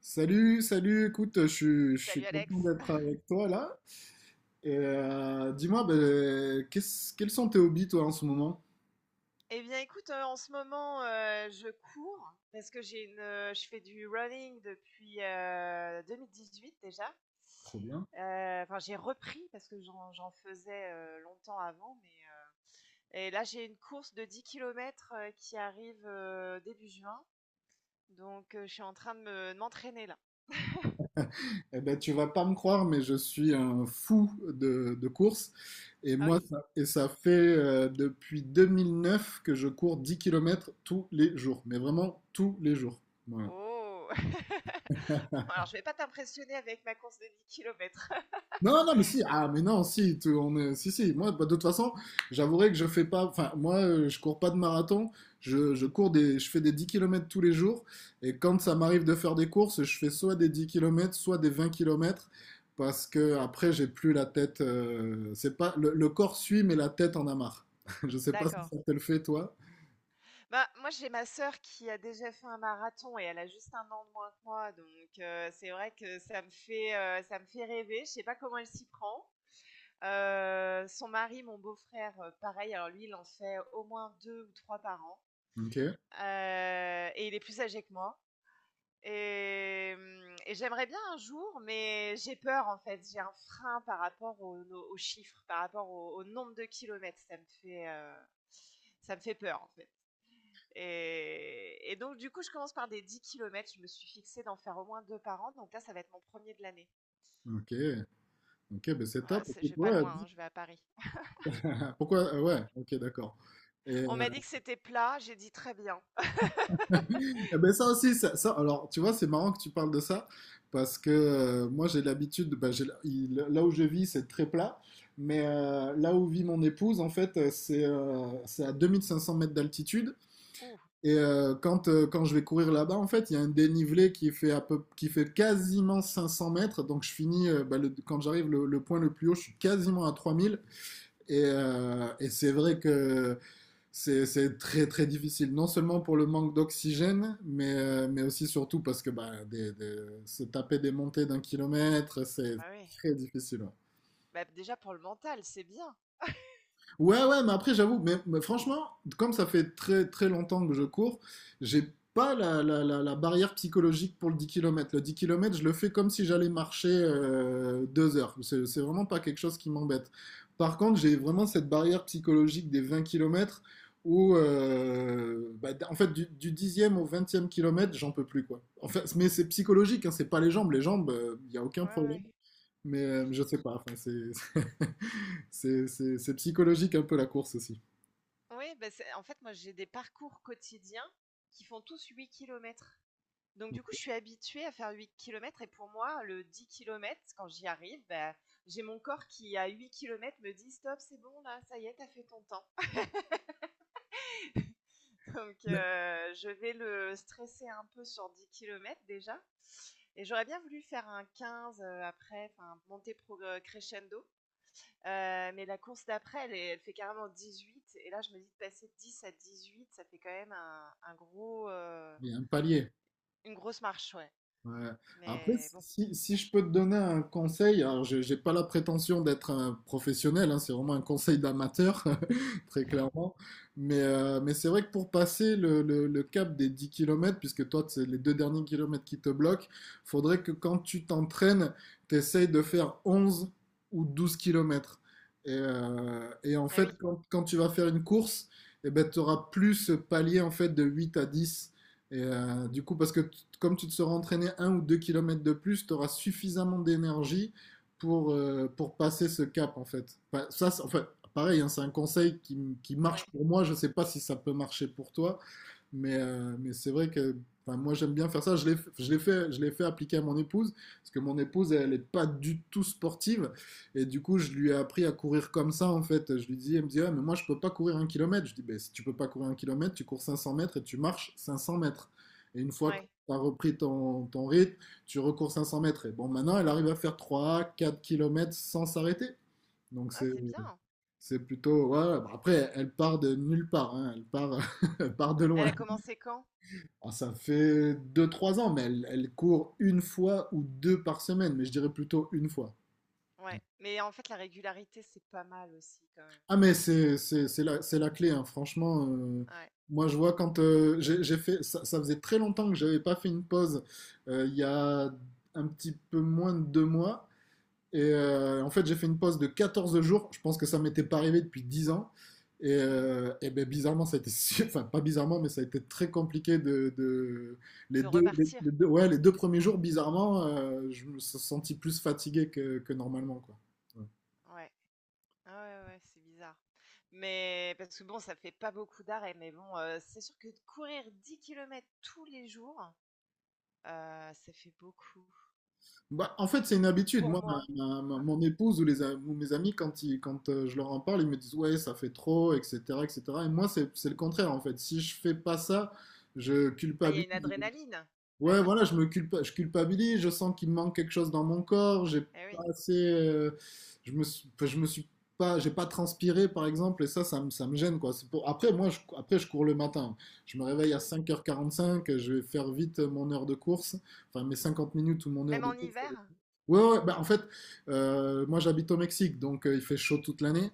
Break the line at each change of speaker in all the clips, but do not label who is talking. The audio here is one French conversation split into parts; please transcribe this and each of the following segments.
Salut, salut, écoute, je suis
Salut Alex.
content d'être avec toi là. Et dis-moi, ben, quels sont tes hobbies toi en ce moment?
Eh bien, écoute, en ce moment, je cours parce que je fais du running depuis 2018 déjà.
Trop bien.
Enfin, j'ai repris parce que j'en faisais longtemps avant, et là j'ai une course de 10 km qui arrive début juin, donc je suis en train de m'entraîner là.
Eh ben, tu vas pas me croire, mais je suis un fou de course. Et
Ah
moi,
oui?
ça fait depuis 2009 que je cours 10 km tous les jours, mais vraiment tous les jours. Voilà.
Oh! Alors, je vais pas t'impressionner avec ma course de 10 kilomètres.
Non, non, mais si, ah, mais non, si, si, si, moi, bah, de toute façon, j'avouerai que je fais pas, enfin, moi, je cours pas de marathon, je fais des 10 kilomètres tous les jours, et quand ça m'arrive de faire des courses, je fais soit des 10 kilomètres, soit des 20 kilomètres, parce que après, j'ai plus la tête, c'est pas, le corps suit, mais la tête en a marre. Je sais pas si
D'accord.
ça te le fait, toi.
Bah, moi, j'ai ma sœur qui a déjà fait un marathon et elle a juste 1 an de moins que moi, donc c'est vrai que ça me fait rêver. Je sais pas comment elle s'y prend. Son mari, mon beau-frère, pareil, alors lui, il en fait au moins 2 ou 3 par an,
Ok,
et il est plus âgé que moi et et j'aimerais bien un jour, mais j'ai peur, en fait. J'ai un frein par rapport au no aux chiffres, par rapport au nombre de kilomètres. Ça me fait peur, en fait. Et donc, du coup, je commence par des 10 kilomètres. Je me suis fixée d'en faire au moins deux par an. Donc là, ça va être mon premier de l'année.
ok, ok, ben c'est top.
Je vais pas
Pourquoi,
loin, hein, je vais à Paris.
pourquoi, ouais, ok, d'accord.
On m'a dit que c'était plat. J'ai dit très bien.
Eh ben ça aussi, alors tu vois, c'est marrant que tu parles de ça, parce que moi j'ai l'habitude, bah, là où je vis c'est très plat, mais là où vit mon épouse, en fait, c'est à 2 500 mètres d'altitude,
Ouh,
et quand je vais courir là-bas, en fait, il y a un dénivelé qui fait quasiment 500 mètres, donc je finis, bah, quand j'arrive le point le plus haut, je suis quasiment à 3 000. Et c'est vrai que c'est très très difficile, non seulement pour le manque d'oxygène, mais aussi surtout parce que bah, se taper des montées d'1 kilomètre,
ah
c'est
bah oui.
très difficile. Ouais.
Bah, déjà, pour le mental, c'est bien.
Ouais, ouais, mais après, j'avoue, franchement, comme ça fait très très longtemps que je cours, j'ai pas la barrière psychologique pour le 10 kilomètres. Le 10 kilomètres, je le fais comme si j'allais marcher 2 heures. C'est vraiment pas quelque chose qui m'embête. Par contre, j'ai vraiment cette barrière psychologique des 20 kilomètres où, bah, en fait, du 10 au vingtième kilomètre, j'en peux plus, quoi. En fait, mais c'est psychologique, hein, c'est pas les jambes. Les jambes, il n'y a aucun
Ouais,
problème.
ouais.
Mais je sais pas, enfin, c'est c'est psychologique un peu la course aussi.
Oui, en fait, moi, j'ai des parcours quotidiens qui font tous 8 kilomètres. Donc, du coup, je suis habituée à faire 8 kilomètres. Et pour moi, le 10 kilomètres, quand j'y arrive, bah, j'ai mon corps qui, à 8 kilomètres me dit Stop, c'est bon, là, ça y est, t'as fait ton temps. Donc,
Mais
je vais le stresser un peu sur 10 kilomètres déjà. Et j'aurais bien voulu faire un 15 après, enfin crescendo. Mais la course d'après, elle, elle fait carrément 18. Et là, je me dis de passer de 10 à 8, ça fait quand même un gros,
il y a un palier.
une grosse marche, ouais.
Ouais. Après,
Mais bon.
si je peux te donner un conseil, alors je n'ai pas la prétention d'être un professionnel, hein, c'est vraiment un conseil d'amateur, très clairement, mais c'est vrai que pour passer le cap des 10 kilomètres, puisque toi, c'est les deux derniers kilomètres qui te bloquent, faudrait que quand tu t'entraînes, tu essayes de faire 11 ou 12 kilomètres. Et en
Ah
fait,
oui,
quand tu vas faire une course, eh ben, tu auras plus ce palier en fait, de 8 à 10. Et du coup, parce que comme tu te seras entraîné 1 ou 2 kilomètres de plus, tu auras suffisamment d'énergie pour passer ce cap, en fait. Enfin, ça, en fait, pareil, hein, c'est un conseil qui marche
ouais,
pour moi. Je ne sais pas si ça peut marcher pour toi, mais c'est vrai que enfin, moi, j'aime bien faire ça. Je l'ai fait appliquer à mon épouse, parce que mon épouse, elle n'est pas du tout sportive. Et du coup, je lui ai appris à courir comme ça, en fait. Je lui dis, elle me dit, ouais, mais moi, je peux pas courir un kilomètre. Je dis, ben, si tu peux pas courir un kilomètre, tu cours 500 mètres et tu marches 500 mètres. Et une fois que
ouais.
tu as repris ton rythme, tu recours 500 mètres. Et bon, maintenant, elle arrive à faire 3 4 kilomètres sans s'arrêter. Donc,
Ah,
c'est,
c'est bien.
c'est plutôt, ouais. Bah, après, elle part de nulle part. Hein, elle part, elle part de
Elle
loin.
a commencé quand?
Alors, ça fait deux trois ans, mais elle court une fois ou deux par semaine. Mais je dirais plutôt une fois.
Ouais. Mais en fait, la régularité, c'est pas mal aussi, quand même.
Ah, mais c'est la clé, hein, franchement.
Ouais.
Moi, je vois quand j'ai fait, ça faisait très longtemps que j'avais pas fait une pause. Il y a un petit peu moins de 2 mois, et en fait, j'ai fait une pause de 14 jours. Je pense que ça m'était pas arrivé depuis 10 ans. Et,
Hmm.
euh, et ben, bizarrement, ça a été, enfin pas bizarrement, mais ça a été très compliqué les
De
deux, les,
repartir.
les deux, ouais, les deux premiers jours, bizarrement, je me suis senti plus fatigué que normalement, quoi. Ouais.
Ouais. Ah ouais, ouais, c'est bizarre. Mais parce que bon, ça fait pas beaucoup d'arrêts, mais bon, c'est sûr que de courir 10 kilomètres tous les jours, ça fait beaucoup
Bah, en fait, c'est une habitude.
pour
Moi,
moi.
mon épouse ou mes amis, quand je leur en parle, ils me disent ouais, ça fait trop, etc., etc. Et cetera. Et moi, c'est le contraire, en fait. Si je fais pas ça, je
Ah, il y a
culpabilise.
une adrénaline? Bah
Ouais,
oui,
voilà, je culpabilise, je sens qu'il me manque quelque chose dans mon corps, j'ai
eh
pas
oui,
assez, enfin, je me suis pas, j'ai pas transpiré par exemple, et ça me gêne quoi. Après, moi, je cours le matin. Je me réveille à
mmh.
5h45, je vais faire vite mon heure de course, enfin mes 50 minutes ou mon heure
Même
de
en
course.
hiver?
Ouais, ouais, bah en fait, moi j'habite au Mexique, donc il fait chaud toute l'année.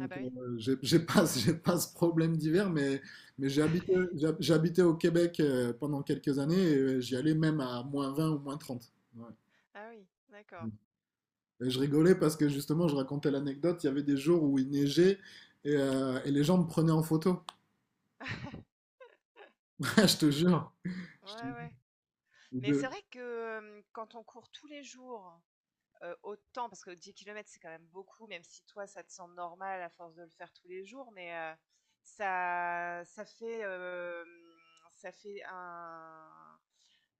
Ah bah oui.
j'ai pas, j'ai pas ce problème d'hiver, mais j'ai habité au Québec pendant quelques années et j'y allais même à -20 ou -30. Ouais.
Ah oui, d'accord.
Et je rigolais parce que justement, je racontais l'anecdote, il y avait des jours où il neigeait et les gens me prenaient en photo. Je te jure. Je te
Ouais,
jure.
ouais.
Et
Mais c'est
de-.
vrai que, quand on court tous les jours autant, parce que 10 kilomètres c'est quand même beaucoup, même si toi ça te semble normal à force de le faire tous les jours, ça fait, ça fait un,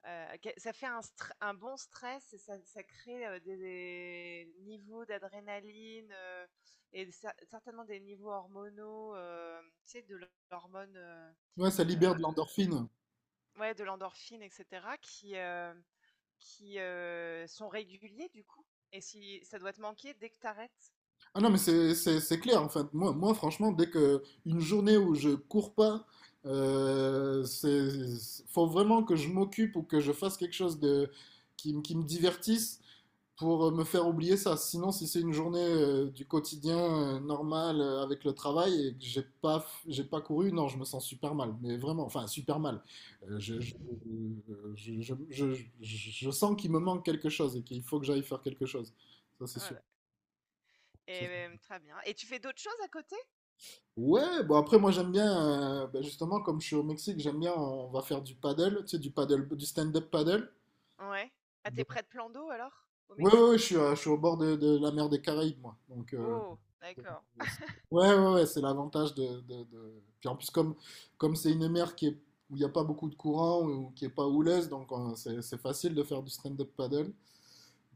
ça fait un bon stress et ça crée des niveaux d'adrénaline et certainement des niveaux hormonaux, tu sais, de l'hormone, euh,
Ouais, ça libère de
euh,
l'endorphine.
ouais, de l'endorphine, etc., qui sont réguliers du coup. Et si ça doit te manquer dès que t'arrêtes.
Ah non, mais c'est clair, en fait. Moi, franchement, dès que une journée où je cours pas, euh, c'est, faut vraiment que je m'occupe ou que je fasse quelque chose de, qui me divertisse pour me faire oublier ça. Sinon, si c'est une journée du quotidien normal avec le travail et que j'ai pas couru, non, je me sens super mal. Mais vraiment, enfin, super mal. Euh, je, je, je, je, je sens qu'il me manque quelque chose et qu'il faut que j'aille faire quelque chose. Ça, c'est sûr.
Voilà.
Ça,
Très bien. Et tu fais d'autres choses à côté?
Ouais, bon après moi j'aime bien, bah, justement comme je suis au Mexique, j'aime bien, on va faire du paddle, tu sais, du paddle, du stand-up paddle.
Ouais. Ah, t'es
Donc-
près de plan d'eau alors? Au
ouais, ouais, ouais, je
Mexique?
suis, euh, je suis au bord de la mer des Caraïbes moi.
Oh,
Donc,
d'accord.
euh, c'est- ouais, ouais, ouais, c'est l'avantage. Puis en plus comme c'est une mer qui est, où il n'y a pas beaucoup de courant ou qui est pas houleuse, donc c'est facile de faire du stand-up paddle.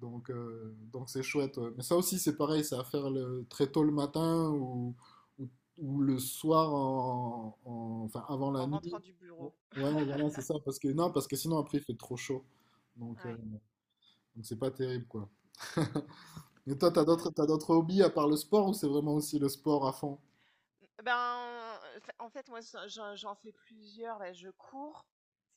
Donc c'est chouette. Ouais. Mais ça aussi, c'est pareil, c'est à faire très tôt le matin ou, ou, le soir, en, enfin avant la
En rentrant
nuit.
du
Ouais,
bureau.
ouais, voilà, c'est ça. Parce que, non, parce que sinon, après, il fait trop chaud. Donc, euh,
Ouais.
donc c'est pas terrible, quoi. Et toi, t'as d'autres hobbies à part le sport ou c'est vraiment aussi le sport à fond?
Ben, en fait, moi, j'en fais plusieurs. Là. Je cours,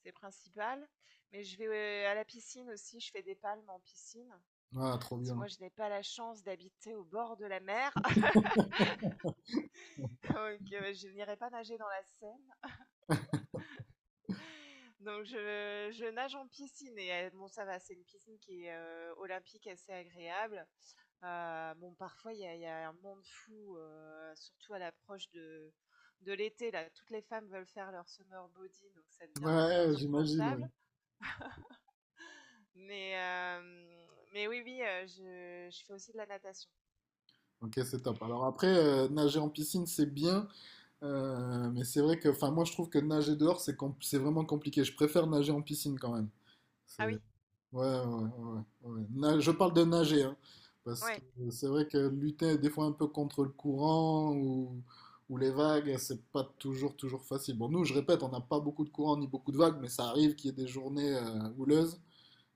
c'est principal. Mais je vais à la piscine aussi. Je fais des palmes en piscine.
Ah, trop
Parce que moi,
bien.
je n'ai pas la chance d'habiter au bord de la mer. Donc, je n'irai pas nager dans la Seine. Donc je nage en piscine et bon ça va, c'est une piscine qui est olympique, assez agréable. Bon parfois il y a un monde fou, surtout à l'approche de l'été là, toutes les femmes veulent faire leur summer body donc ça devient un peu
Ouais, j'imagine, oui.
insupportable. Mais euh, mais oui oui, je fais aussi de la natation.
Ok, c'est top. Alors après, nager en piscine, c'est bien, mais c'est vrai que, enfin, moi, je trouve que nager dehors, c'est vraiment compliqué. Je préfère nager en piscine quand même. C'est.
Ah oui,
Ouais, ouais, ouais, ouais. Je parle de nager, hein, parce que
ouais,
c'est vrai que lutter des fois un peu contre le courant ou les vagues, c'est pas toujours, toujours facile. Bon, nous, je répète, on n'a pas beaucoup de courant ni beaucoup de vagues, mais ça arrive qu'il y ait des journées houleuses.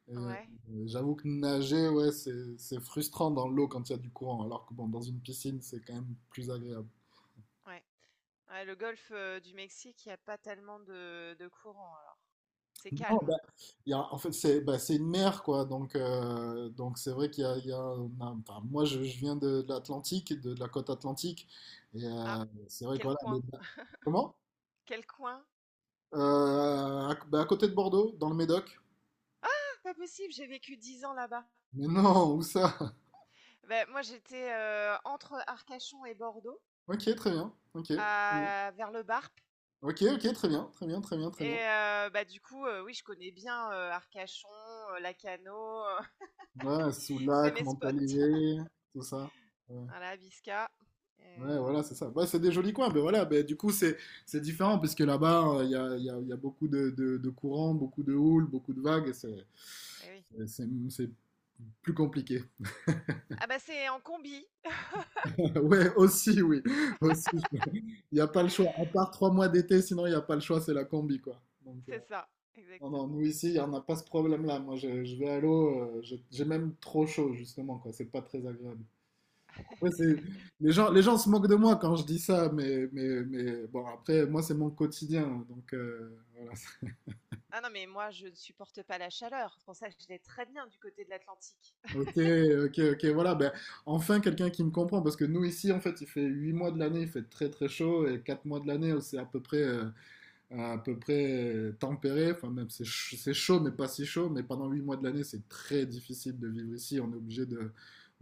Et, euh,
ouais,
j'avoue que nager, ouais, c'est frustrant dans l'eau quand il y a du courant, alors que bon, dans une piscine, c'est quand même plus agréable.
ouais. Ouais, le golfe du Mexique, il n'y a pas tellement de courant alors. C'est
Non,
calme.
bah, en fait, c'est bah, c'est une mer, quoi. Donc c'est vrai qu'il y a enfin, moi, je viens de l'Atlantique, de la côte atlantique. Et
Ah,
c'est vrai que
quel
voilà,
coin,
Comment?
quel coin?
Bah, à côté de Bordeaux, dans le Médoc.
Pas possible, j'ai vécu 10 ans là-bas.
Mais non, où ça?
Ben moi, j'étais entre Arcachon et Bordeaux,
Ok, très bien. Ok. Très bien.
vers le Barp.
Ok, ok, très bien. Très bien, très bien, très bien.
Et bah, du coup, oui, je connais bien Arcachon, Lacano,
Ouais,
c'est
Soulac,
mes spots.
Montalivet, tout ça. Ouais.
Voilà, Bisca.
Ouais,
Euh,
voilà, c'est ça. Ouais, c'est des jolis coins, mais voilà, ben, du coup, c'est différent, parce que là-bas, il y a beaucoup de courants, beaucoup de houles, beaucoup de vagues, et c'est
eh oui.
c'est- c'est- c'est plus compliqué.
Ah bah c'est en combi,
Ouais, aussi, oui, aussi. Il n'y a pas le choix, à part 3 mois d'été, sinon il n'y a pas le choix, c'est la combi, quoi.
c'est ça,
Non, non,
exactement.
nous ici, il n'y en a pas ce problème-là. Moi, je vais à l'eau, j'ai même trop chaud, justement, quoi, c'est pas très agréable. Ouais, les gens se moquent de moi quand je dis ça, mais bon, après, moi, c'est mon quotidien. Donc, voilà.
Ah non, mais moi, je ne supporte pas la chaleur. C'est pour ça que je l'ai très bien du côté de l'Atlantique.
Ok, ok, ok, voilà. Ben, enfin, quelqu'un qui me comprend, parce que nous, ici, en fait, il fait 8 mois de l'année, il fait très, très chaud, et 4 mois de l'année, c'est à peu près tempéré. Enfin, même, c'est chaud, mais pas si chaud. Mais pendant 8 mois de l'année, c'est très difficile de vivre ici. On est obligé de,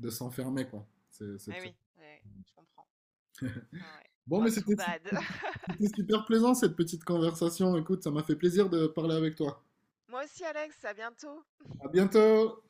de s'enfermer, quoi. C'est
Eh
très.
oui, ouais, je comprends. Ah ouais.
Bon,
Oh,
mais
too
c'était su-
bad.
c'était super plaisant cette petite conversation. Écoute, ça m'a fait plaisir de parler avec toi.
Moi aussi, Alex, à bientôt.
À bientôt!